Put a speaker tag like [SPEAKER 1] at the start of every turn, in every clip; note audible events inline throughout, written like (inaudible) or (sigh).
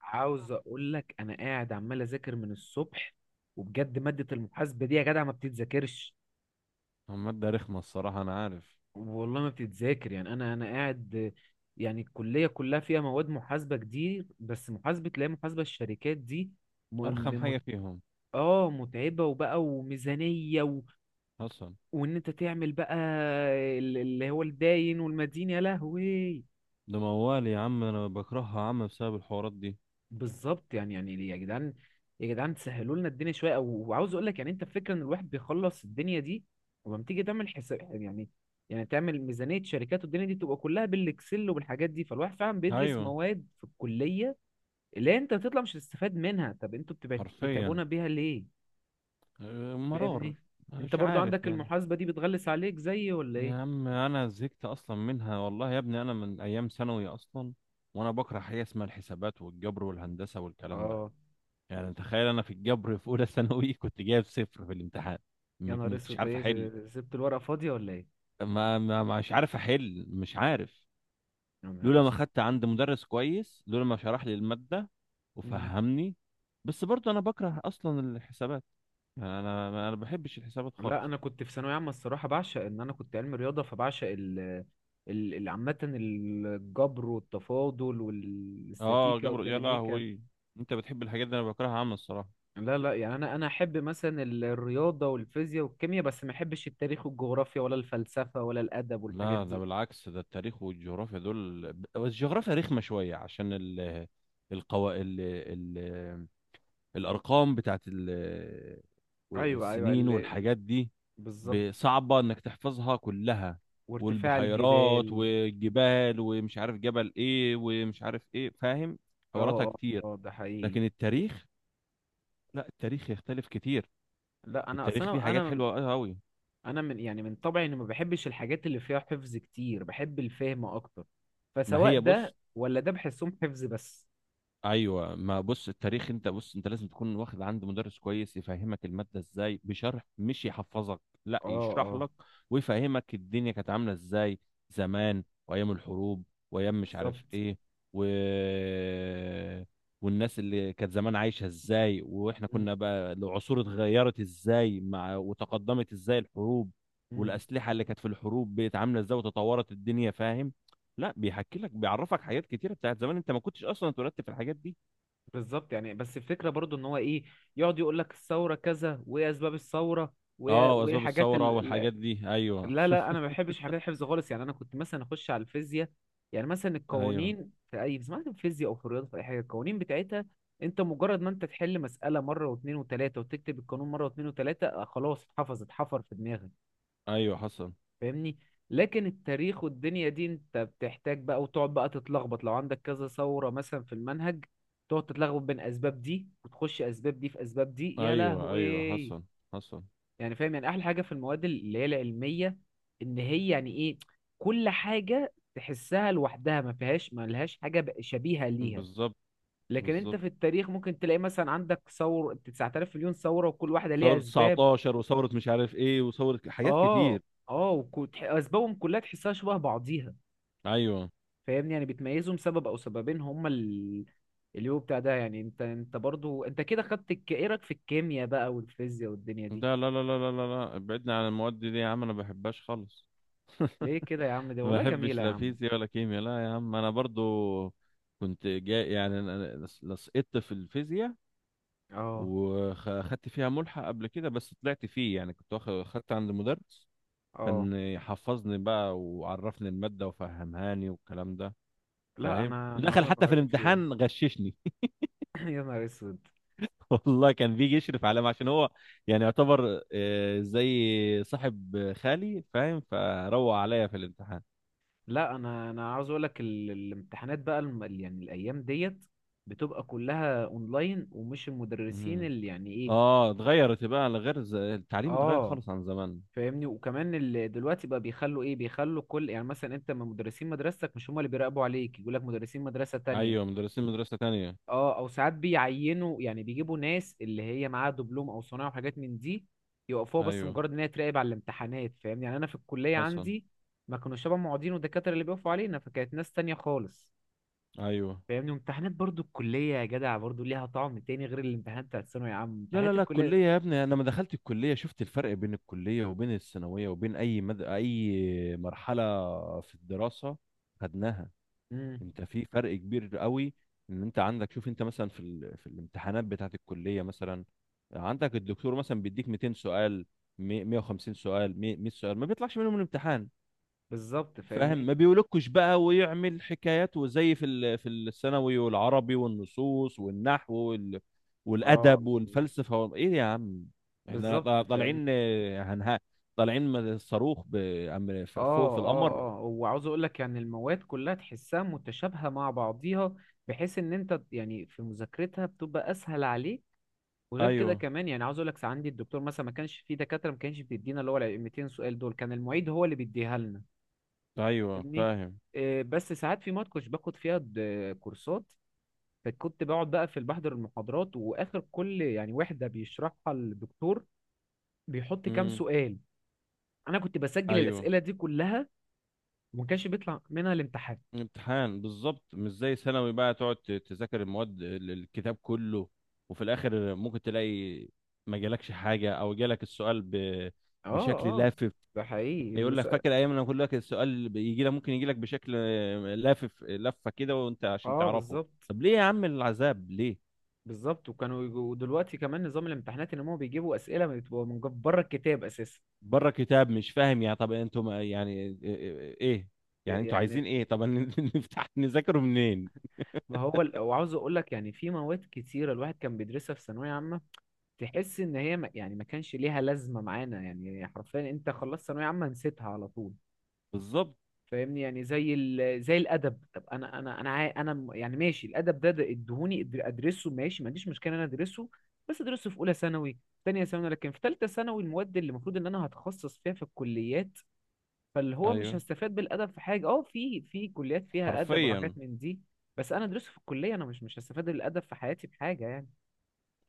[SPEAKER 1] عاوز اقول لك انا قاعد عمال اذاكر من الصبح، وبجد مادة المحاسبة دي يا جدع ما بتتذاكرش.
[SPEAKER 2] هم مادة رخمة، الصراحة أنا عارف.
[SPEAKER 1] والله ما بتتذاكر، يعني انا قاعد. يعني الكلية كلها فيها مواد محاسبة كتير، بس محاسبة، لا، محاسبة الشركات دي م...
[SPEAKER 2] أرخم
[SPEAKER 1] م... مت...
[SPEAKER 2] حاجة فيهم.
[SPEAKER 1] اه متعبة وبقى وميزانية
[SPEAKER 2] أصلا
[SPEAKER 1] وان انت تعمل بقى، اللي هو الداين والمدين، يا لهوي.
[SPEAKER 2] ده موال يا عم، أنا بكرهها يا عم بسبب الحوارات دي.
[SPEAKER 1] بالظبط، يعني يا جدعان، يا جدعان تسهلوا لنا الدنيا شويه وعاوز اقول لك، يعني انت الفكره ان الواحد بيخلص الدنيا دي، ولما تيجي تعمل حساب، يعني يعني تعمل ميزانيه شركات، والدنيا دي تبقى كلها بالاكسل وبالحاجات دي، فالواحد فعلا بيدرس
[SPEAKER 2] أيوة.
[SPEAKER 1] مواد في الكليه اللي انت بتطلع مش هتستفاد منها. طب انتوا
[SPEAKER 2] حرفيا.
[SPEAKER 1] بتتعبونا بيها ليه؟
[SPEAKER 2] مرار.
[SPEAKER 1] فاهمني. انت
[SPEAKER 2] مش
[SPEAKER 1] برضو
[SPEAKER 2] عارف
[SPEAKER 1] عندك
[SPEAKER 2] يعني.
[SPEAKER 1] المحاسبه دي بتغلس عليك زي ولا
[SPEAKER 2] يا
[SPEAKER 1] ايه؟
[SPEAKER 2] عم أنا زهقت أصلا منها، والله يا ابني أنا من أيام ثانوي أصلا. وأنا بكره حاجة اسمها الحسابات والجبر والهندسة والكلام ده.
[SPEAKER 1] اه،
[SPEAKER 2] يعني تخيل أنا في الجبر في أولى ثانوي، (laughs) كنت جايب صفر في الامتحان.
[SPEAKER 1] يا نهار
[SPEAKER 2] مش
[SPEAKER 1] اسود،
[SPEAKER 2] عارف
[SPEAKER 1] ايه،
[SPEAKER 2] أحل.
[SPEAKER 1] سبت الورقه فاضيه ولا ايه؟
[SPEAKER 2] مش عارف أحل، مش عارف.
[SPEAKER 1] يا نهار
[SPEAKER 2] لولا ما
[SPEAKER 1] اسود.
[SPEAKER 2] خدت عند مدرس كويس، لولا ما شرح لي المادة
[SPEAKER 1] مم.
[SPEAKER 2] وفهمني. بس برضه انا بكره اصلا الحسابات. يعني انا ما بحبش الحسابات
[SPEAKER 1] لا،
[SPEAKER 2] خالص.
[SPEAKER 1] انا كنت في ثانويه عامه الصراحه بعشق ان انا كنت علم رياضه، فبعشق عامه، الجبر والتفاضل
[SPEAKER 2] اه
[SPEAKER 1] والاستاتيكا
[SPEAKER 2] جبر يا
[SPEAKER 1] والديناميكا.
[SPEAKER 2] لهوي. انت بتحب الحاجات دي، انا بكرهها عامة الصراحة.
[SPEAKER 1] لا، لا، يعني انا احب مثلا الرياضه والفيزياء والكيمياء، بس ما احبش التاريخ والجغرافيا، ولا الفلسفه ولا الادب والحاجات
[SPEAKER 2] لا ده
[SPEAKER 1] دي.
[SPEAKER 2] بالعكس، ده التاريخ والجغرافيا دول، بس الجغرافيا رخمة شوية عشان ال القوا... ال... ال... الارقام بتاعت
[SPEAKER 1] ايوه، ايوه،
[SPEAKER 2] السنين والحاجات دي.
[SPEAKER 1] بالظبط.
[SPEAKER 2] صعبة انك تحفظها كلها.
[SPEAKER 1] وارتفاع
[SPEAKER 2] والبحيرات
[SPEAKER 1] الجبال.
[SPEAKER 2] والجبال ومش عارف جبل ايه ومش عارف ايه فاهم.
[SPEAKER 1] اه،
[SPEAKER 2] حواراتها
[SPEAKER 1] اه،
[SPEAKER 2] كتير.
[SPEAKER 1] ده حقيقي.
[SPEAKER 2] لكن التاريخ، لا التاريخ يختلف كتير.
[SPEAKER 1] لا، انا اصل
[SPEAKER 2] التاريخ فيه حاجات حلوة قوي.
[SPEAKER 1] انا من، يعني من طبعي اني ما بحبش الحاجات اللي فيها حفظ كتير، بحب الفهم اكتر.
[SPEAKER 2] ما
[SPEAKER 1] فسواء
[SPEAKER 2] هي
[SPEAKER 1] ده
[SPEAKER 2] بص.
[SPEAKER 1] ولا ده بحسهم حفظ بس.
[SPEAKER 2] ايوه ما بص، التاريخ انت بص، انت لازم تكون واخد عند مدرس كويس يفهمك الماده ازاي بشرح، مش يحفظك. لا
[SPEAKER 1] اه،
[SPEAKER 2] يشرح
[SPEAKER 1] اه،
[SPEAKER 2] لك ويفهمك الدنيا كانت عامله ازاي زمان، وايام الحروب وايام مش
[SPEAKER 1] بالظبط.
[SPEAKER 2] عارف ايه، و... والناس اللي كانت زمان عايشه ازاي، واحنا
[SPEAKER 1] مم،
[SPEAKER 2] كنا بقى العصور اتغيرت ازاي مع وتقدمت ازاي الحروب،
[SPEAKER 1] مم.
[SPEAKER 2] والاسلحه اللي كانت في الحروب بقت عامله ازاي وتطورت الدنيا فاهم. لا بيحكي لك، بيعرفك حاجات كتيره بتاعت زمان، انت ما كنتش اصلا اتولدت في الحاجات دي.
[SPEAKER 1] بالظبط، يعني بس الفكره برضو ان هو ايه، يقعد يقول لك الثوره كذا وايه اسباب الثوره وايه
[SPEAKER 2] اه
[SPEAKER 1] وإيه
[SPEAKER 2] واسباب
[SPEAKER 1] الحاجات
[SPEAKER 2] الثوره والحاجات دي ايوه.
[SPEAKER 1] لا، لا، انا ما بحبش حاجات الحفظ خالص، يعني انا كنت مثلا اخش على الفيزياء. يعني مثلا
[SPEAKER 2] ايوه،
[SPEAKER 1] القوانين في اي، سمعت في فيزياء او في رياضه في اي حاجه القوانين بتاعتها، انت مجرد ما انت تحل مساله مره واثنين وثلاثه، وتكتب القانون مره واثنين وثلاثه، خلاص، اتحفظ، اتحفر في دماغك.
[SPEAKER 2] ايوه، حصل.
[SPEAKER 1] فاهمني. لكن التاريخ والدنيا دي انت بتحتاج بقى، وتقعد بقى تتلخبط لو عندك كذا ثوره مثلا في المنهج. تقعد تتلخبط بين اسباب دي، وتخش اسباب دي في اسباب دي، يا
[SPEAKER 2] ايوه، ايوه،
[SPEAKER 1] لهوي.
[SPEAKER 2] حصل. حصل.
[SPEAKER 1] يعني فاهم، يعني احلى حاجه في المواد اللي هي العلميه ان هي يعني ايه، كل حاجه تحسها لوحدها، ما فيهاش، ما لهاش حاجه شبيهه ليها.
[SPEAKER 2] بالظبط.
[SPEAKER 1] لكن انت
[SPEAKER 2] بالظبط.
[SPEAKER 1] في التاريخ ممكن تلاقي مثلا عندك 9000 مليون ثوره، وكل واحده ليها
[SPEAKER 2] ثوره
[SPEAKER 1] اسباب.
[SPEAKER 2] 19 وثوره مش عارف ايه وثوره حاجات
[SPEAKER 1] اه،
[SPEAKER 2] كتير.
[SPEAKER 1] اه، اسبابهم كلها تحسها شبه بعضيها.
[SPEAKER 2] ايوه.
[SPEAKER 1] فاهمني، يعني بتميزهم سبب او سببين هما اللي هو بتاع ده، يعني انت برضو انت كده خدت، ايه رايك في الكيمياء بقى والفيزياء والدنيا دي؟
[SPEAKER 2] ده لا لا لا لا لا لا، ابعدنا عن المواد دي يا عم، انا ما بحبهاش خالص.
[SPEAKER 1] ليه كده يا عم، ده
[SPEAKER 2] ما
[SPEAKER 1] والله
[SPEAKER 2] بحبش
[SPEAKER 1] جميله يا
[SPEAKER 2] لا
[SPEAKER 1] عم.
[SPEAKER 2] فيزياء ولا كيمياء، لا يا عم انا برضو كنت جاي، يعني أنا لصقت في الفيزياء
[SPEAKER 1] اه،
[SPEAKER 2] وخدت فيها ملحق قبل كده، بس طلعت فيه. يعني كنت واخد خدت عند مدرس
[SPEAKER 1] اه،
[SPEAKER 2] كان يحفظني بقى وعرفني المادة وفهمهاني والكلام ده
[SPEAKER 1] لا
[SPEAKER 2] فاهم،
[SPEAKER 1] انا
[SPEAKER 2] ودخل
[SPEAKER 1] عمري ما
[SPEAKER 2] حتى في
[SPEAKER 1] قعدت فيها.
[SPEAKER 2] الامتحان غششني.
[SPEAKER 1] (clears throat) يا نهار اسود.
[SPEAKER 2] (laughs) والله كان بيجي يشرف عليا عشان هو يعني يعتبر زي صاحب خالي فاهم، فروق عليا في الامتحان.
[SPEAKER 1] لا، انا عاوز اقول لك الامتحانات بقى يعني الايام ديت بتبقى كلها اونلاين، ومش المدرسين
[SPEAKER 2] مم.
[SPEAKER 1] اللي يعني ايه.
[SPEAKER 2] اه اتغيرت بقى لغير التعليم اتغير
[SPEAKER 1] اه،
[SPEAKER 2] خالص عن زمان.
[SPEAKER 1] فاهمني، وكمان اللي دلوقتي بقى بيخلوا ايه، بيخلوا كل، يعني مثلا انت من مدرسين مدرستك مش هم اللي بيراقبوا عليك، يقول لك مدرسين مدرسة تانية.
[SPEAKER 2] ايوه مدرسين مدرسة تانية.
[SPEAKER 1] اه، او ساعات بيعينوا، يعني بيجيبوا ناس اللي هي معاها دبلوم او صنايع وحاجات من دي، يوقفوها بس
[SPEAKER 2] ايوه
[SPEAKER 1] مجرد ان هي تراقب على الامتحانات، فاهم؟ يعني انا في الكليه
[SPEAKER 2] حسن.
[SPEAKER 1] عندي ما كانوا شبه معيدين ودكاتره اللي بيقفوا علينا، فكانت ناس تانية خالص.
[SPEAKER 2] ايوه.
[SPEAKER 1] فاهمني، وامتحانات برضو الكليه يا جدع برضو ليها طعم تاني غير الامتحانات بتاعت الثانوي يا عم،
[SPEAKER 2] لا لا
[SPEAKER 1] امتحانات
[SPEAKER 2] لا
[SPEAKER 1] الكليه.
[SPEAKER 2] الكلية يا ابني، أنا لما دخلت الكلية شفت الفرق بين الكلية وبين الثانوية وبين أي أي مرحلة في الدراسة. خدناها.
[SPEAKER 1] امم.
[SPEAKER 2] أنت في فرق كبير قوي، إن أنت عندك شوف، أنت مثلا في في الامتحانات بتاعة الكلية مثلا عندك الدكتور مثلا بيديك 200 سؤال، 150 سؤال، 100 سؤال، ما بيطلعش منهم الامتحان
[SPEAKER 1] بالظبط
[SPEAKER 2] فاهم. ما
[SPEAKER 1] فاهمني.
[SPEAKER 2] بيقولكش بقى ويعمل حكايات، وزي في الثانوي والعربي والنصوص والنحو
[SPEAKER 1] اه،
[SPEAKER 2] والادب والفلسفه ايه يا عم. احنا
[SPEAKER 1] بالظبط فاهمني.
[SPEAKER 2] طالعين هنها، طالعين من الصاروخ فوق
[SPEAKER 1] اه،
[SPEAKER 2] في القمر.
[SPEAKER 1] اه، اه، وعاوز اقول لك يعني المواد كلها تحسها متشابهة مع بعضيها، بحيث ان انت يعني في مذاكرتها بتبقى اسهل عليك. وغير
[SPEAKER 2] ايوه
[SPEAKER 1] كده كمان، يعني عاوز اقول لك، عندي الدكتور مثلا، ما كانش في دكاترة ما كانش بيدينا اللي هو ال 200 سؤال دول، كان المعيد هو اللي بيديها لنا.
[SPEAKER 2] ايوه
[SPEAKER 1] فاهمني.
[SPEAKER 2] فاهم.
[SPEAKER 1] بس ساعات في مواد كنتش باخد فيها كورسات، فكنت بقعد بقى في، بحضر المحاضرات، واخر كل يعني وحدة بيشرحها الدكتور بيحط كام
[SPEAKER 2] امم.
[SPEAKER 1] سؤال، انا كنت بسجل
[SPEAKER 2] ايوه
[SPEAKER 1] الاسئلة دي كلها، وما كانش بيطلع منها الامتحان.
[SPEAKER 2] امتحان بالظبط، مش زي ثانوي بقى تقعد تذاكر المواد الكتاب كله، وفي الاخر ممكن تلاقي ما جالكش حاجه او جالك السؤال
[SPEAKER 1] اه،
[SPEAKER 2] بشكل
[SPEAKER 1] اه،
[SPEAKER 2] لافف.
[SPEAKER 1] ده حقيقي،
[SPEAKER 2] يعني
[SPEAKER 1] اللي
[SPEAKER 2] يقول لك فاكر ايام لما كل لك السؤال بيجي لك، ممكن يجي لك بشكل لافف لفه كده، وانت عشان
[SPEAKER 1] اه،
[SPEAKER 2] تعرفه.
[SPEAKER 1] بالظبط.
[SPEAKER 2] طب ليه يا عم العذاب ليه.
[SPEAKER 1] بالظبط، وكانوا ودلوقتي كمان نظام الامتحانات ان هم بيجيبوا اسئله بتبقى من بره الكتاب اساسا.
[SPEAKER 2] بره كتاب مش فاهم، يعني طب انتوا يعني ايه. يعني انتوا
[SPEAKER 1] يعني
[SPEAKER 2] عايزين ايه طب، (laughs) نفتح نذاكره منين.
[SPEAKER 1] ما هو وعاوز اقول لك يعني في مواد كتيره الواحد كان بيدرسها في ثانويه عامه، تحس ان هي ما... يعني ما كانش ليها لازمه معانا، يعني حرفيا انت خلصت ثانويه عامه نسيتها على طول.
[SPEAKER 2] بالظبط.
[SPEAKER 1] فاهمني، يعني زي زي الادب. طب انا انا انا عا- انا م- يعني ماشي، الادب ده ادهوني ادرسه، ماشي، ما عنديش مشكله ان انا ادرسه. بس ادرسه في اولى ثانوي ثانيه ثانوي، لكن في ثالثه ثانوي المواد اللي المفروض ان انا هتخصص فيها في الكليات، فاللي هو مش
[SPEAKER 2] ايوه
[SPEAKER 1] هستفاد بالادب في حاجه، في كليات فيها ادب
[SPEAKER 2] حرفيا.
[SPEAKER 1] وحاجات من دي. بس انا ادرسه في الكليه، انا مش هستفاد بالادب في حياتي بحاجه يعني.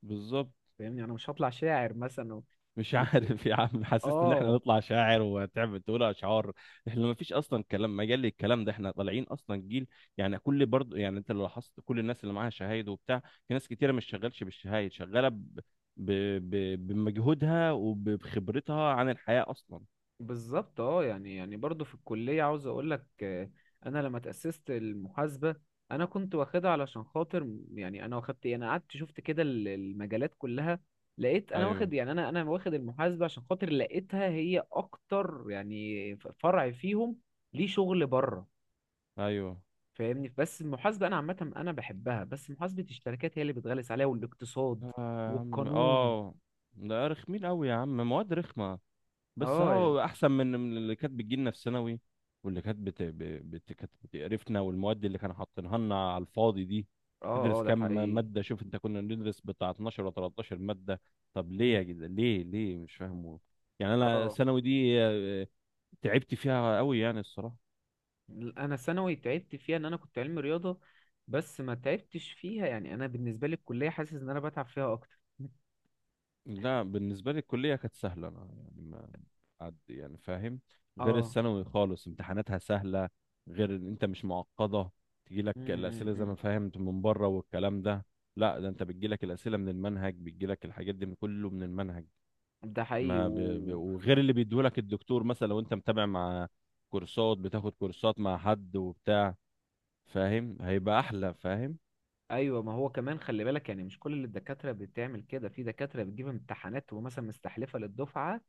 [SPEAKER 2] بالظبط.
[SPEAKER 1] فاهمني، انا مش هطلع شاعر مثلا
[SPEAKER 2] مش
[SPEAKER 1] و...
[SPEAKER 2] عارف يا عم حسست ان احنا
[SPEAKER 1] اه،
[SPEAKER 2] نطلع شاعر وتعمل تقول اشعار. احنا ما فيش اصلا كلام مجال للكلام ده، احنا طالعين اصلا جيل. يعني كل برضه، يعني انت لو لاحظت كل الناس اللي معاها شهايد وبتاع، في ناس كتيره مش شغالش بالشهايد، شغاله ب... بمجهودها وبخبرتها عن الحياه اصلا.
[SPEAKER 1] بالظبط. اه، يعني برضو في الكلية عاوز اقول لك، انا لما تأسست المحاسبة، انا كنت واخدها علشان خاطر يعني انا واخدت، انا قعدت شفت كده المجالات كلها، لقيت انا
[SPEAKER 2] ايوه
[SPEAKER 1] واخد، يعني انا واخد المحاسبة عشان خاطر لقيتها هي اكتر يعني فرع فيهم، ليه شغل بره.
[SPEAKER 2] ايوه.
[SPEAKER 1] فاهمني، بس المحاسبة انا عامة انا بحبها، بس محاسبة الشركات هي اللي بتغلس عليها، والاقتصاد،
[SPEAKER 2] اه يا عم،
[SPEAKER 1] والقانون.
[SPEAKER 2] آه. ده رخمين قوي يا عم، مواد رخمه. بس
[SPEAKER 1] اه، يعني،
[SPEAKER 2] هو احسن من اللي كانت بتجيلنا في ثانوي، واللي كانت كانت بتقرفنا، والمواد اللي كانوا حاطينها لنا على الفاضي دي.
[SPEAKER 1] اه،
[SPEAKER 2] تدرس
[SPEAKER 1] اه، ده
[SPEAKER 2] كام
[SPEAKER 1] حقيقي.
[SPEAKER 2] ماده، شوف انت كنا بندرس بتاع 12 ولا 13 ماده. طب ليه
[SPEAKER 1] مم.
[SPEAKER 2] يا جدع ليه، ليه مش فاهمه. يعني انا
[SPEAKER 1] اه،
[SPEAKER 2] ثانوي دي تعبت فيها قوي يعني الصراحه.
[SPEAKER 1] انا ثانوي تعبت فيها ان انا كنت علمي رياضه، بس ما تعبتش فيها، يعني انا بالنسبه لي الكليه حاسس ان انا بتعب فيها اكتر.
[SPEAKER 2] لا بالنسبة لي الكلية كانت سهلة أنا يعني ما عد يعني فاهم، غير
[SPEAKER 1] اه،
[SPEAKER 2] الثانوي خالص امتحاناتها سهلة. غير إن أنت مش معقدة، تجيلك
[SPEAKER 1] امم،
[SPEAKER 2] الأسئلة زي
[SPEAKER 1] إمم.
[SPEAKER 2] ما فهمت من بره والكلام ده. لا ده أنت بتجيلك الأسئلة من المنهج، بتجيلك الحاجات دي من كله من المنهج.
[SPEAKER 1] ده حقيقي
[SPEAKER 2] ما ب... ب... وغير اللي بيديهولك الدكتور مثلا لو أنت متابع مع كورسات، بتاخد كورسات مع حد وبتاع فاهم، هيبقى أحلى فاهم.
[SPEAKER 1] ايوه، ما هو كمان خلي بالك، يعني مش كل الدكاتره بتعمل كده، في دكاتره بتجيب امتحانات ومثلا مستحلفه للدفعه،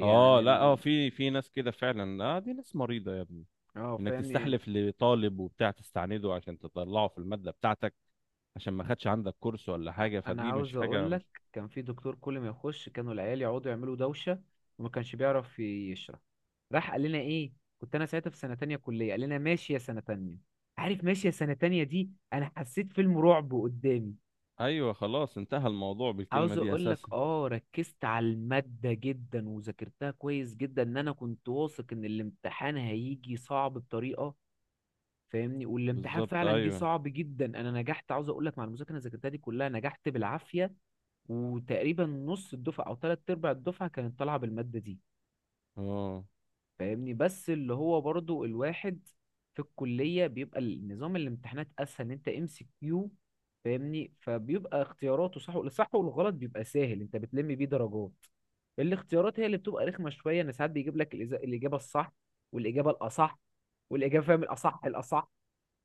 [SPEAKER 2] اه لا اه
[SPEAKER 1] ال...
[SPEAKER 2] في ناس كده فعلا اه، دي ناس مريضة يا ابني.
[SPEAKER 1] اه
[SPEAKER 2] انك
[SPEAKER 1] فاهمني،
[SPEAKER 2] تستحلف لطالب وبتاع، تستعنده عشان تطلعه في المادة بتاعتك عشان ما خدش عندك كورس ولا حاجة،
[SPEAKER 1] انا
[SPEAKER 2] فدي مش
[SPEAKER 1] عاوز
[SPEAKER 2] حاجة
[SPEAKER 1] اقول لك،
[SPEAKER 2] مش.
[SPEAKER 1] كان في دكتور كل ما يخش كانوا العيال يقعدوا يعملوا دوشه، وما كانش بيعرف يشرح. راح قال لنا ايه، كنت انا ساعتها في سنه تانية كليه، قال لنا: ماشي يا سنه تانية. عارف، ماشي يا سنه تانية دي انا حسيت فيلم رعب قدامي.
[SPEAKER 2] ايوه خلاص انتهى الموضوع بالكلمة
[SPEAKER 1] عاوز
[SPEAKER 2] دي
[SPEAKER 1] اقول لك،
[SPEAKER 2] اساسا.
[SPEAKER 1] ركزت على الماده جدا وذاكرتها كويس جدا، ان انا كنت واثق ان الامتحان هيجي صعب بطريقه. فاهمني، والامتحان
[SPEAKER 2] بالظبط
[SPEAKER 1] فعلا جه
[SPEAKER 2] ايوه.
[SPEAKER 1] صعب جدا، انا نجحت عاوز اقول لك، مع المذاكره اللي ذاكرتها دي كلها نجحت بالعافيه، وتقريبا نص الدفعة أو تلات أرباع الدفعة كانت طالعة بالمادة دي.
[SPEAKER 2] اه
[SPEAKER 1] فاهمني، بس اللي هو برضو الواحد في الكلية بيبقى النظام الامتحانات أسهل، إن أنت MCQ. فاهمني، فبيبقى اختياراته صح، الصح والغلط بيبقى سهل، أنت بتلم بيه درجات. الاختيارات هي اللي بتبقى رخمة شوية، إن ساعات بيجيب لك الإجابة الصح، والإجابة الأصح، والإجابة، فاهم، الأصح الأصح.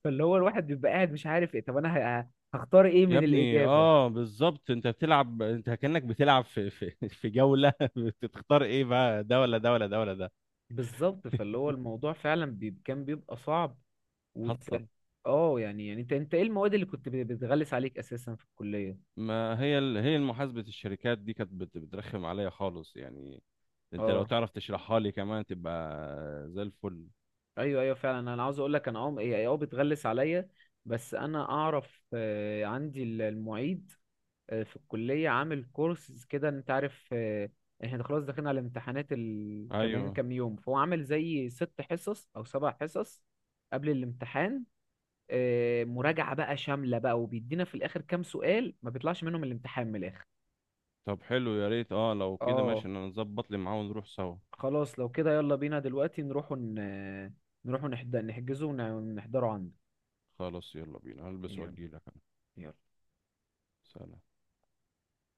[SPEAKER 1] فاللي هو الواحد بيبقى قاعد مش عارف إيه، طب أنا هختار إيه
[SPEAKER 2] يا
[SPEAKER 1] من
[SPEAKER 2] ابني
[SPEAKER 1] الإجابة؟
[SPEAKER 2] اه بالظبط، انت بتلعب، انت كأنك بتلعب في جولة. (laughs) بتختار ايه بقى، ده ولا ده ولا ده ولا ده؟
[SPEAKER 1] بالظبط، فاللي هو الموضوع فعلا كان بيبقى صعب. وانت،
[SPEAKER 2] حصل.
[SPEAKER 1] اه يعني انت ايه المواد اللي كنت بتغلس عليك اساسا في الكليه؟
[SPEAKER 2] ما هي هي محاسبة الشركات دي كانت بترخم عليا خالص يعني، انت لو
[SPEAKER 1] اه،
[SPEAKER 2] تعرف تشرحها لي كمان تبقى زي الفل.
[SPEAKER 1] ايوه، ايوه، فعلا انا عاوز اقول لك، انا هي بتغلس عليا، بس انا اعرف، عندي المعيد، في الكليه عامل كورس كده، انت عارف، احنا خلاص داخلين على الامتحانات كمان
[SPEAKER 2] ايوه.
[SPEAKER 1] كام يوم، فهو عامل زي 6 حصص او 7 حصص قبل الامتحان، مراجعة بقى شاملة بقى، وبيدينا في الآخر كام سؤال ما بيطلعش منهم الامتحان من الآخر.
[SPEAKER 2] طب حلو يا ريت، اه لو كده
[SPEAKER 1] اه،
[SPEAKER 2] ماشي انا نظبط لي معاه ونروح سوا.
[SPEAKER 1] خلاص لو كده يلا بينا دلوقتي نروحوا نحجزه ونحضره عندك.
[SPEAKER 2] خلاص يلا بينا، هلبس
[SPEAKER 1] يلا،
[SPEAKER 2] واجيلك انا.
[SPEAKER 1] يلا.
[SPEAKER 2] سلام.